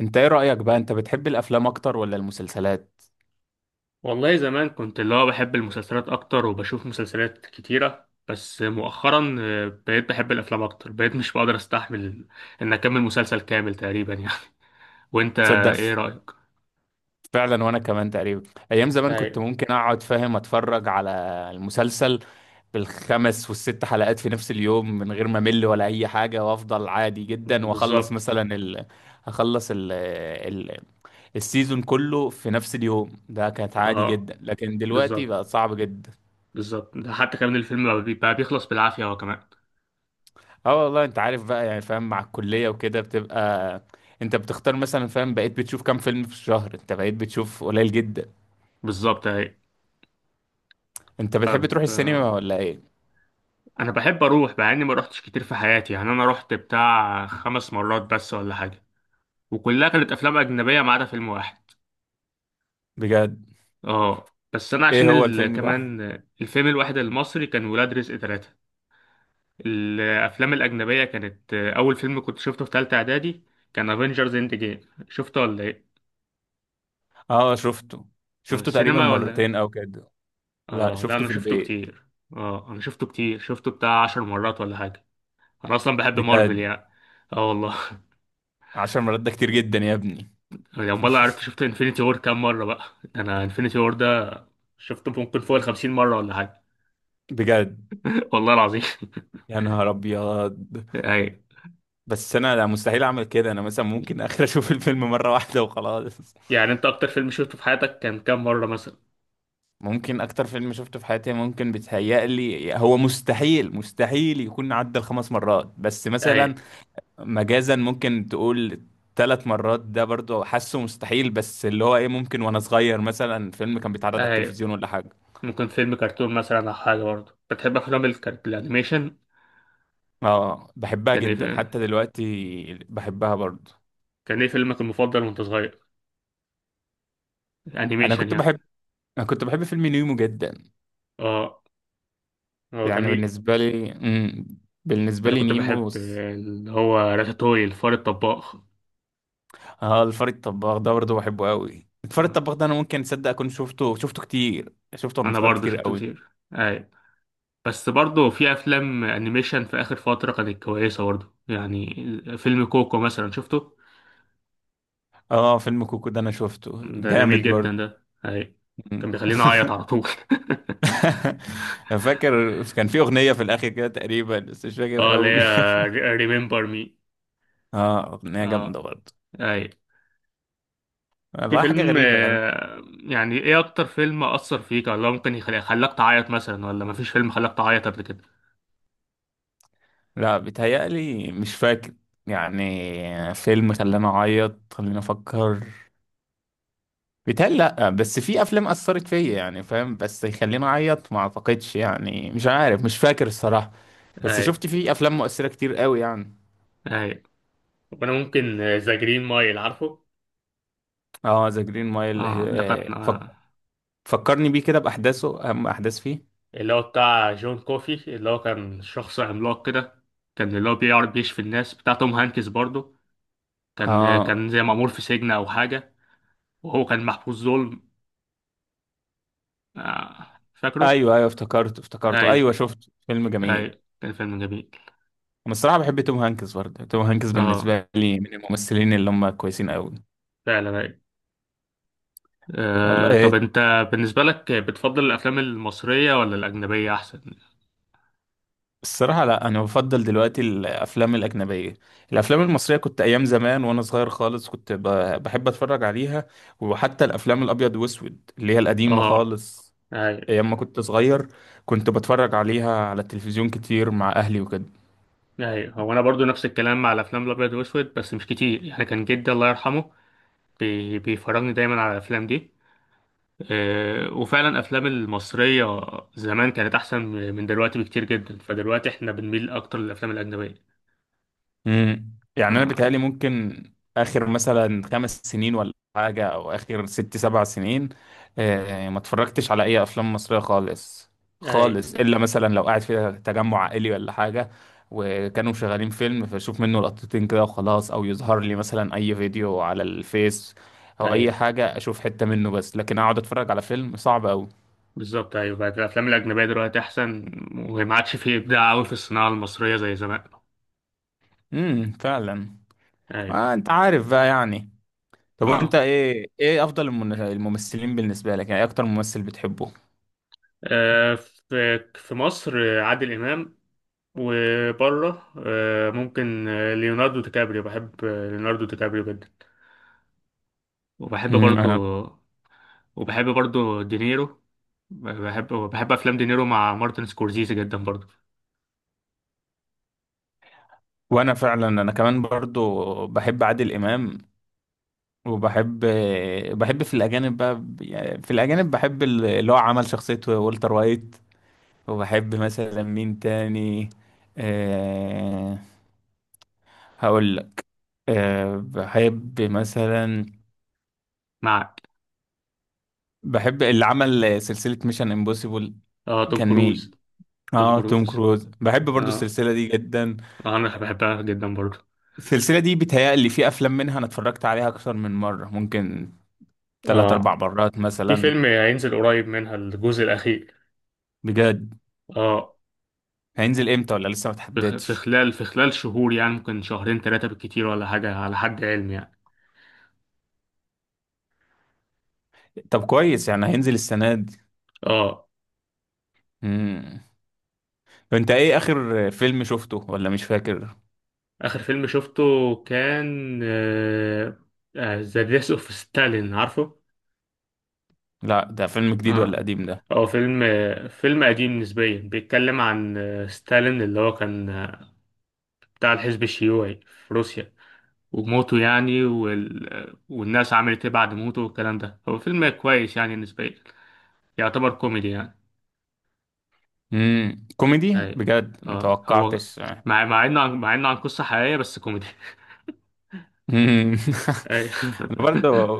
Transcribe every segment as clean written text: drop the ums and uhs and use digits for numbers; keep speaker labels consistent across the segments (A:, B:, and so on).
A: انت ايه رأيك بقى؟ انت بتحب الافلام اكتر ولا المسلسلات؟
B: والله زمان كنت اللي هو بحب المسلسلات اكتر وبشوف مسلسلات كتيرة، بس مؤخرا بقيت بحب الافلام اكتر. بقيت مش بقدر استحمل ان اكمل مسلسل كامل تقريبا يعني. وانت
A: تصدق
B: ايه رأيك؟
A: فعلا وانا كمان تقريبا. ايام زمان
B: اي.
A: كنت ممكن اقعد فاهم اتفرج على المسلسل بالخمس والست حلقات في نفس اليوم من غير ما امل ولا اي حاجة، وافضل عادي جدا، واخلص
B: بالظبط.
A: مثلا ال... اخلص ال... ال... السيزون كله في نفس اليوم. ده كانت عادي
B: اه
A: جدا، لكن دلوقتي
B: بالظبط.
A: بقى صعب جدا.
B: بالظبط، ده حتى كمان الفيلم بقى بيخلص بالعافية هو كمان.
A: اه، والله انت عارف بقى، يعني فاهم، مع الكلية وكده بتبقى انت بتختار مثلا، فاهم، بقيت بتشوف كام فيلم في الشهر؟ انت بقيت بتشوف قليل جدا.
B: بالظبط. اي.
A: انت بتحب
B: طب،
A: تروح السينما ولا ايه؟
B: انا بحب اروح، مع اني ما روحتش كتير في حياتي يعني. انا رحت بتاع 5 مرات بس ولا حاجة، وكلها كانت افلام اجنبية ما عدا فيلم واحد.
A: بجد؟
B: اه. بس انا عشان
A: ايه هو الفيلم الواحد؟
B: كمان. الفيلم الواحد المصري كان ولاد رزق ثلاثة. الافلام الاجنبية كانت، اول فيلم كنت شفته في تالتة اعدادي كان افنجرز اند جيم، شفته ولا ايه؟
A: اه شفته، شفته تقريبا
B: السينما ولا؟
A: مرتين او كده. لا
B: اه لا،
A: شفته
B: انا
A: في
B: شفته
A: البيت.
B: كتير. اه انا شفته كتير، شفته بتاع 10 مرات ولا حاجة. انا اصلا بحب مارفل
A: بجد؟
B: يعني. اه والله.
A: 10 مرات ده كتير جدا يا ابني.
B: يعني امال، لو عرفت شفت انفينيتي وور كام مرة بقى. ده انا انفينيتي وور ده شفته ممكن فوق الخمسين مرة ولا حاجة.
A: بجد؟
B: والله العظيم.
A: يا نهار ابيض.
B: ايوه.
A: بس انا لا، مستحيل اعمل كده. انا مثلا ممكن اخر اشوف الفيلم مرة واحدة وخلاص.
B: يعني انت اكتر فيلم شفته في حياتك كان كام مرة مثلا؟
A: ممكن اكتر فيلم شفته في حياتي، ممكن بيتهيألي هو مستحيل مستحيل يكون عدى ال5 مرات، بس
B: اي.
A: مثلا مجازا ممكن تقول 3 مرات. ده برضو حاسه مستحيل، بس اللي هو ايه، ممكن وانا صغير مثلا فيلم كان بيتعرض على
B: اي.
A: التلفزيون ولا حاجة.
B: ممكن فيلم كرتون مثلا او حاجه، برضه بتحب افلام الانيميشن.
A: اه بحبها
B: كان ايه
A: جدا،
B: في-
A: حتى دلوقتي بحبها برضو.
B: كان ايه فيلمك المفضل وانت صغير؟
A: انا
B: الانيميشن
A: كنت
B: يعني.
A: بحب انا كنت بحب فيلم نيمو جدا.
B: اه. هو
A: يعني
B: جميل.
A: بالنسبة لي بالنسبة
B: انا
A: لي
B: كنت بحب
A: نيمو.
B: اللي هو راتاتوي، الفار الطباخ.
A: اه الفار الطباخ ده برضه بحبه قوي. الفار
B: آه،
A: الطباخ ده انا ممكن تصدق اكون شفته كتير، شفته وانا
B: انا
A: صغير
B: برضه
A: كتير
B: شفته
A: قوي.
B: كتير. اي. بس برضه في افلام انيميشن في اخر فتره كانت كويسه برضه يعني. فيلم كوكو مثلا شفته.
A: اه فيلم كوكو ده انا شفته
B: ده جميل
A: جامد برضه.
B: جدا ده. اي. كان بيخليني اعيط على طول.
A: فاكر كان في اغنيه في الاخر كده تقريبا، بس مش فاكر
B: اه، اللي
A: قوي.
B: هي ريمبر مي.
A: اه، اغنيه جامده
B: اه.
A: برضه.
B: اي. في
A: والله حاجه
B: فيلم،
A: غريبه يعني.
B: يعني ايه اكتر فيلم اثر فيك، ولا ممكن يخليك خلاك تعيط مثلا، ولا مفيش فيلم خلاك تعيط قبل كده؟
A: لا، بيتهيألي مش فاكر. يعني فيلم خلاني اعيط، خليني افكر. بيتهيألي لأ، بس في أفلام أثرت فيا يعني، فاهم، بس يخليني أعيط ما أعتقدش، يعني مش عارف، مش فاكر الصراحة. بس
B: اي.
A: شفت في أفلام مؤثرة كتير قوي يعني.
B: اي. وانا ممكن ذا جرين مايل، عارفه؟
A: اه ذا جرين مايل،
B: اه، ده كان
A: فكرني بيه كده بأحداثه، أهم أحداث فيه.
B: اللي هو بتاع جون كوفي، اللي هو كان شخص عملاق كده. كان اللي هو بيعرف بيشفي الناس، بتاع توم هانكس برضه. كان آه،
A: اه
B: كان زي مأمور في سجن او حاجة. وهو كان محبوس ظلم. فاكره؟
A: أيوه أيوه، افتكرته افتكرته
B: ايوه.
A: أيوه، شفت فيلم جميل.
B: ايوه كان فيلم جميل.
A: أنا الصراحة بحب توم هانكس برضه. توم هانكس
B: اه
A: بالنسبة لي من الممثلين اللي هم كويسين قوي.
B: فعلا، أيوه.
A: والله
B: طب انت بالنسبة لك بتفضل الافلام المصرية ولا الاجنبية احسن؟
A: الصراحة لا، أنا بفضل دلوقتي الأفلام الأجنبية. الأفلام المصرية كنت أيام زمان وأنا صغير خالص كنت بحب أتفرج عليها، وحتى الأفلام الأبيض وأسود اللي هي القديمة
B: اه.
A: خالص،
B: ايوه
A: أيام ما كنت صغير كنت بتفرج عليها على التلفزيون كتير مع أهلي وكده.
B: ايوه. هو انا برضو نفس الكلام مع الافلام الابيض واسود، بس مش كتير يعني. كان جدي الله يرحمه بيفرجني دايما على الافلام دي. وفعلا الافلام المصرية زمان كانت احسن من دلوقتي بكتير جدا. فدلوقتي احنا بنميل اكتر للافلام الاجنبية.
A: يعني انا
B: آه،
A: بيتهيألي ممكن اخر مثلا 5 سنين ولا حاجه، او اخر 6 7 سنين، ما اتفرجتش على اي افلام مصريه خالص
B: ايوه.
A: خالص، الا مثلا لو قاعد في تجمع عائلي ولا حاجه وكانوا شغالين فيلم فاشوف منه لقطتين كده وخلاص، او يظهر لي مثلا اي فيديو على الفيس او اي
B: ايوه
A: حاجه اشوف حته منه بس، لكن اقعد اتفرج على فيلم صعب قوي.
B: بالظبط. ايوه بقت الافلام الاجنبية دلوقتي احسن، وما عادش فيه ابداع قوي في الصناعة المصرية زي زمان.
A: فعلا.
B: ايوه.
A: آه انت عارف بقى يعني. طب وانت
B: اه.
A: ايه، ايه افضل الممثلين بالنسبه لك؟ يعني ايه اكتر ممثل بتحبه؟
B: في في مصر، عادل إمام. وبره، ممكن ليوناردو دي كابريو. بحب ليوناردو دي كابريو جدا. وبحب برضو
A: انا
B: وبحب برضو دينيرو. بحب أفلام دينيرو مع مارتن سكورسيزي جدا برضو.
A: وانا فعلا انا كمان برضو بحب عادل امام، وبحب في الاجانب بقى، يعني في الاجانب بحب اللي هو عمل شخصيه والتر وايت. وبحب مثلا مين تاني؟ أه هقول لك. أه بحب مثلا،
B: معك.
A: بحب اللي عمل سلسله ميشن امبوسيبل.
B: اه توم
A: كان
B: كروز.
A: مين؟
B: توم
A: اه توم
B: كروز.
A: كروز. بحب برضو
B: اه.
A: السلسله دي جدا.
B: أنا بحبها جدا برضو.
A: السلسلة دي بيتهيألي في أفلام منها أنا اتفرجت عليها أكتر من مرة، ممكن تلات
B: اه،
A: أربع مرات
B: في
A: مثلا.
B: فيلم هينزل قريب منها، الجزء الأخير.
A: بجد؟
B: اه،
A: هينزل إمتى ولا لسه ما
B: في خ- في
A: تحددش؟
B: خلال في خلال شهور يعني، ممكن شهرين ثلاثة بالكتير ولا حاجة على حد علمي يعني.
A: طب كويس، يعني هينزل السنة دي.
B: اه.
A: مم. أنت إيه آخر فيلم شفته ولا مش فاكر؟
B: آخر فيلم شفته كان ذا ديث اوف ستالين، عارفه؟
A: لا ده فيلم جديد ولا
B: آه.
A: قديم ده؟
B: هو فيلم فيلم قديم نسبيا، بيتكلم عن ستالين، اللي هو كان بتاع الحزب الشيوعي في روسيا، وموته يعني. والناس عملت ايه بعد موته والكلام ده. هو فيلم كويس يعني نسبيا، يعتبر كوميدي يعني.
A: كوميدي؟
B: ايوه.
A: بجد
B: اه هو،
A: متوقعتش.
B: مع انه عن قصة حقيقية بس كوميدي.
A: مم.
B: ايوه.
A: أنا برضه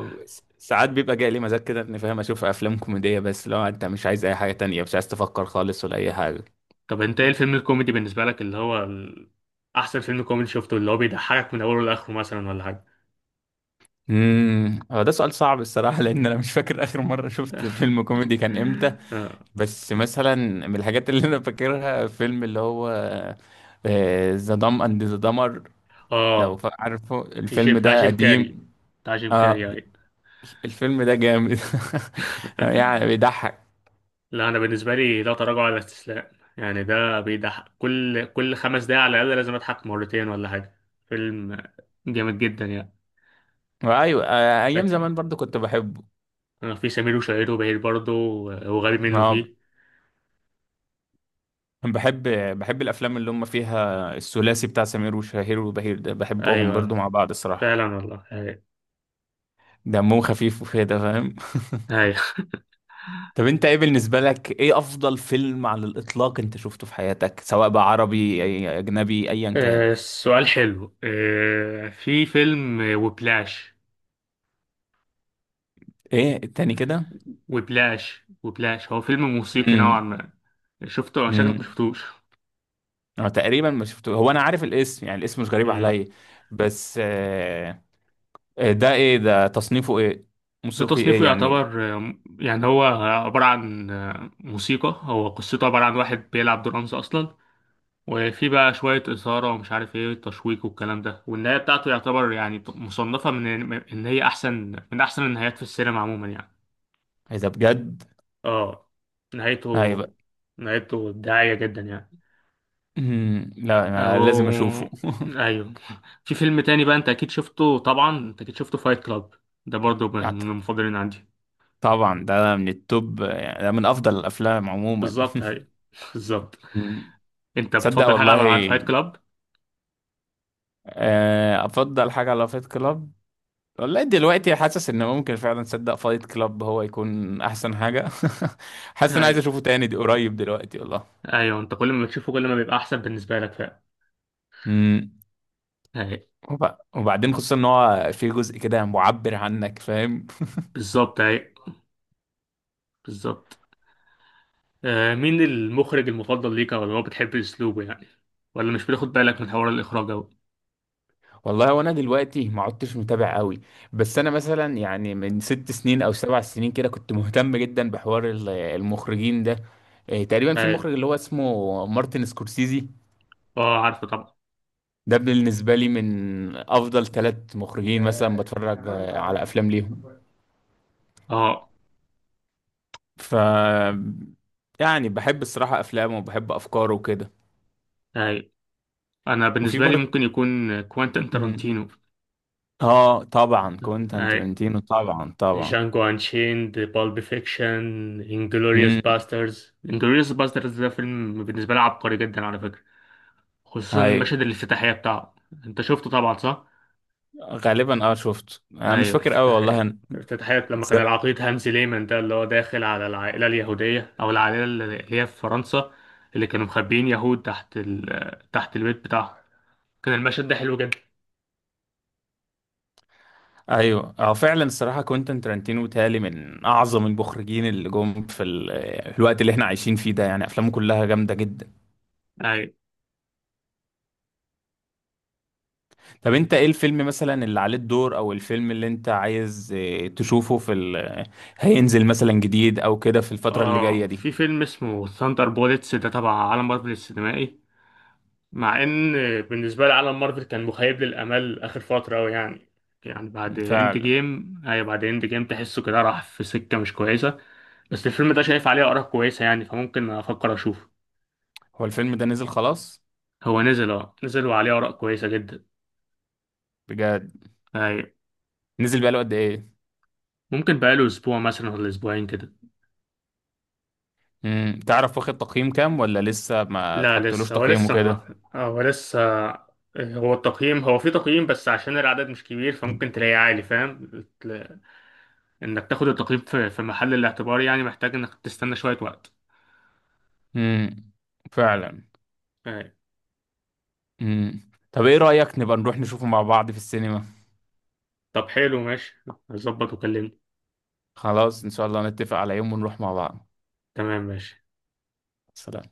A: ساعات بيبقى جاي لي مزاج كده إني فاهم أشوف أفلام كوميدية، بس لو أنت مش عايز أي حاجة تانية، مش عايز تفكر خالص ولا أي حاجة.
B: طب انت ايه الفيلم الكوميدي بالنسبة لك، اللي هو احسن فيلم كوميدي شفته، اللي هو بيضحكك من اوله لاخره مثلا ولا حاجة؟
A: هو ده سؤال صعب الصراحه، لان انا مش فاكر اخر مره شفت فيلم كوميدي كان امتى.
B: اه.
A: بس مثلا من الحاجات اللي انا فاكرها فيلم اللي هو ذا دام اند ذا دمر. لو
B: آه،
A: عارفه الفيلم
B: بتاع
A: ده
B: جيم كاري.
A: قديم.
B: بتاع جيم
A: اه
B: كاري. اي.
A: الفيلم ده جامد. يعني بيضحك.
B: لا، انا بالنسبة لي، لا تراجع ولا استسلام. يعني ده بيضحك، كل 5 دقايق على الاقل لازم اضحك مرتين ولا حاجة. فيلم جامد جدا يعني.
A: ايوه، ايام
B: لكن
A: زمان برضو كنت بحبه.
B: في سمير وشهير وبهير برضه، وغبي منه
A: اه،
B: فيه.
A: بحب بحب الافلام اللي هم فيها الثلاثي بتاع سمير وشهير وبهير ده، بحبهم برضو
B: ايوه
A: مع بعض الصراحه،
B: فعلا والله.
A: دمهم خفيف وكده، فاهم.
B: هاي.
A: طب انت ايه بالنسبة لك، ايه افضل فيلم على الاطلاق انت شفته في حياتك، سواء بقى عربي اجنبي ايا كان؟
B: سؤال حلو. في فيلم وبلاش.
A: ايه التاني كده؟
B: وبلاش وبلاش، هو فيلم موسيقي نوعا
A: امم
B: ما. شفته؟ شكلك
A: امم
B: مشفتوش.
A: انا تقريبا ما شفته. هو انا عارف الاسم يعني، الاسم مش غريب
B: مم.
A: عليا، بس آه. آه، ده ايه ده؟ تصنيفه ايه؟
B: ده
A: موسيقي ايه
B: تصنيفه
A: يعني؟
B: يعتبر يعني هو عبارة عن موسيقى. هو قصته عبارة عن واحد بيلعب درامز أصلا، وفي بقى شوية إثارة ومش عارف إيه تشويق والكلام ده. والنهاية بتاعته يعتبر يعني مصنفة من إن هي أحسن، من أحسن النهايات في السينما عموما يعني.
A: اذا بجد
B: اه، نهايته
A: هيبقى.
B: نهايته إبداعية جدا يعني.
A: لا انا
B: أو...
A: لازم اشوفه.
B: أيوه. في فيلم تاني بقى، أنت أكيد شفته طبعا، أنت أكيد شفته فايت كلاب. ده برضو من
A: أعتقد.
B: المفضلين عندي.
A: طبعا ده من التوب يعني، ده من افضل الافلام عموما.
B: بالظبط أيوه. بالظبط.
A: مم.
B: أنت
A: تصدق
B: بتفضل حاجة على عاد
A: والله،
B: فايت كلاب؟
A: افضل حاجه على فايت كلاب؟ والله دلوقتي حاسس ان ممكن فعلا صدق فايت كلاب هو يكون احسن حاجه. حاسس ان عايز
B: أيوه.
A: اشوفه تاني دي قريب دلوقتي والله.
B: أيوه أنت كل ما بتشوفه كل ما بيبقى أحسن بالنسبة لك فعلا.
A: امم
B: أيوه.
A: وبعدين خصوصا ان هو في جزء كده معبر عنك، فاهم.
B: بالظبط أيوه. بالظبط. مين المخرج المفضل ليك، أو اللي هو بتحب أسلوبه يعني؟ ولا مش بتاخد بالك من حوار الإخراج أوي؟
A: والله وانا دلوقتي ما عدتش متابع قوي، بس انا مثلا يعني من 6 سنين او 7 سنين كده كنت مهتم جدا بحوار المخرجين ده. تقريبا في
B: أيوه.
A: مخرج اللي هو اسمه مارتن سكورسيزي.
B: أه عارفه طبعا.
A: ده بالنسبة لي من أفضل 3 مخرجين مثلا بتفرج على أفلام ليهم.
B: أه
A: ف يعني بحب الصراحة أفلامه وبحب أفكاره وكده.
B: أيوه. أنا
A: وفي
B: بالنسبة لي
A: برضه.
B: ممكن يكون كوانتين
A: مم.
B: تارانتينو.
A: آه طبعا كوينتان
B: أيوه.
A: ترنتينو، طبعا.
B: جانجو انشيند، بالب فيكشن، انجلوريوس
A: امم
B: باسترز. انجلوريوس باسترز ده فيلم بالنسبه لي عبقري جدا على فكره، خصوصا
A: هاي.
B: مشهد الافتتاحيه بتاعه. انت شفته طبعا، صح؟
A: غالبا اه شفت، انا مش
B: ايوه.
A: فاكر قوي والله
B: الافتتاحيه
A: أنا.
B: الافتتاحيه لما كان
A: ز-
B: العقيد هانزي ليمان، ده اللي هو داخل على العائله اليهوديه، او العائله اللي هي في فرنسا، اللي كانوا مخبيين يهود تحت البيت بتاعهم. كان المشهد ده حلو جدا.
A: ايوه، اه فعلا الصراحه كوينتان ترنتينو تالي من اعظم المخرجين اللي جم في الوقت اللي احنا عايشين فيه ده، يعني افلامه كلها جامده جدا.
B: ايوه.
A: طب انت ايه الفيلم مثلا اللي عليه الدور، او الفيلم اللي انت عايز اه، تشوفه في هينزل مثلا جديد او كده في الفترة اللي جاية
B: اه،
A: دي؟
B: في فيلم اسمه ثاندر بوليتس، ده تبع عالم مارفل السينمائي. مع ان بالنسبه لي عالم مارفل كان مخيب للامال اخر فتره قوي يعني. يعني بعد اند
A: فعلا.
B: جيم، اي، بعد اند جيم تحسه كده راح في سكه مش كويسه. بس الفيلم ده شايف عليه اراء كويسه يعني، فممكن افكر اشوفه.
A: هو الفيلم ده نزل خلاص؟
B: هو نزل وعليه اراء كويسه جدا.
A: بجد؟
B: اي.
A: نزل بقاله قد ايه؟
B: ممكن بقاله اسبوع مثلا ولا اسبوعين كده.
A: تعرف واخد تقييم كام ولا لسه ما
B: لا،
A: اتحطلوش
B: لسه هو
A: تقييم
B: لسه ما-
A: وكده؟
B: هو لسه هو التقييم، هو في تقييم، بس عشان العدد مش كبير فممكن تلاقيه عالي، فاهم انك تاخد التقييم في في محل الاعتبار يعني. محتاج انك تستنى شوية وقت.
A: امم فعلا.
B: أي.
A: امم. طب ايه رأيك نبقى نروح نشوفه مع بعض في السينما؟
B: طب حلو، ماشي. هظبط وكلمني.
A: خلاص ان شاء الله نتفق على يوم ونروح مع بعض.
B: تمام ماشي.
A: سلام.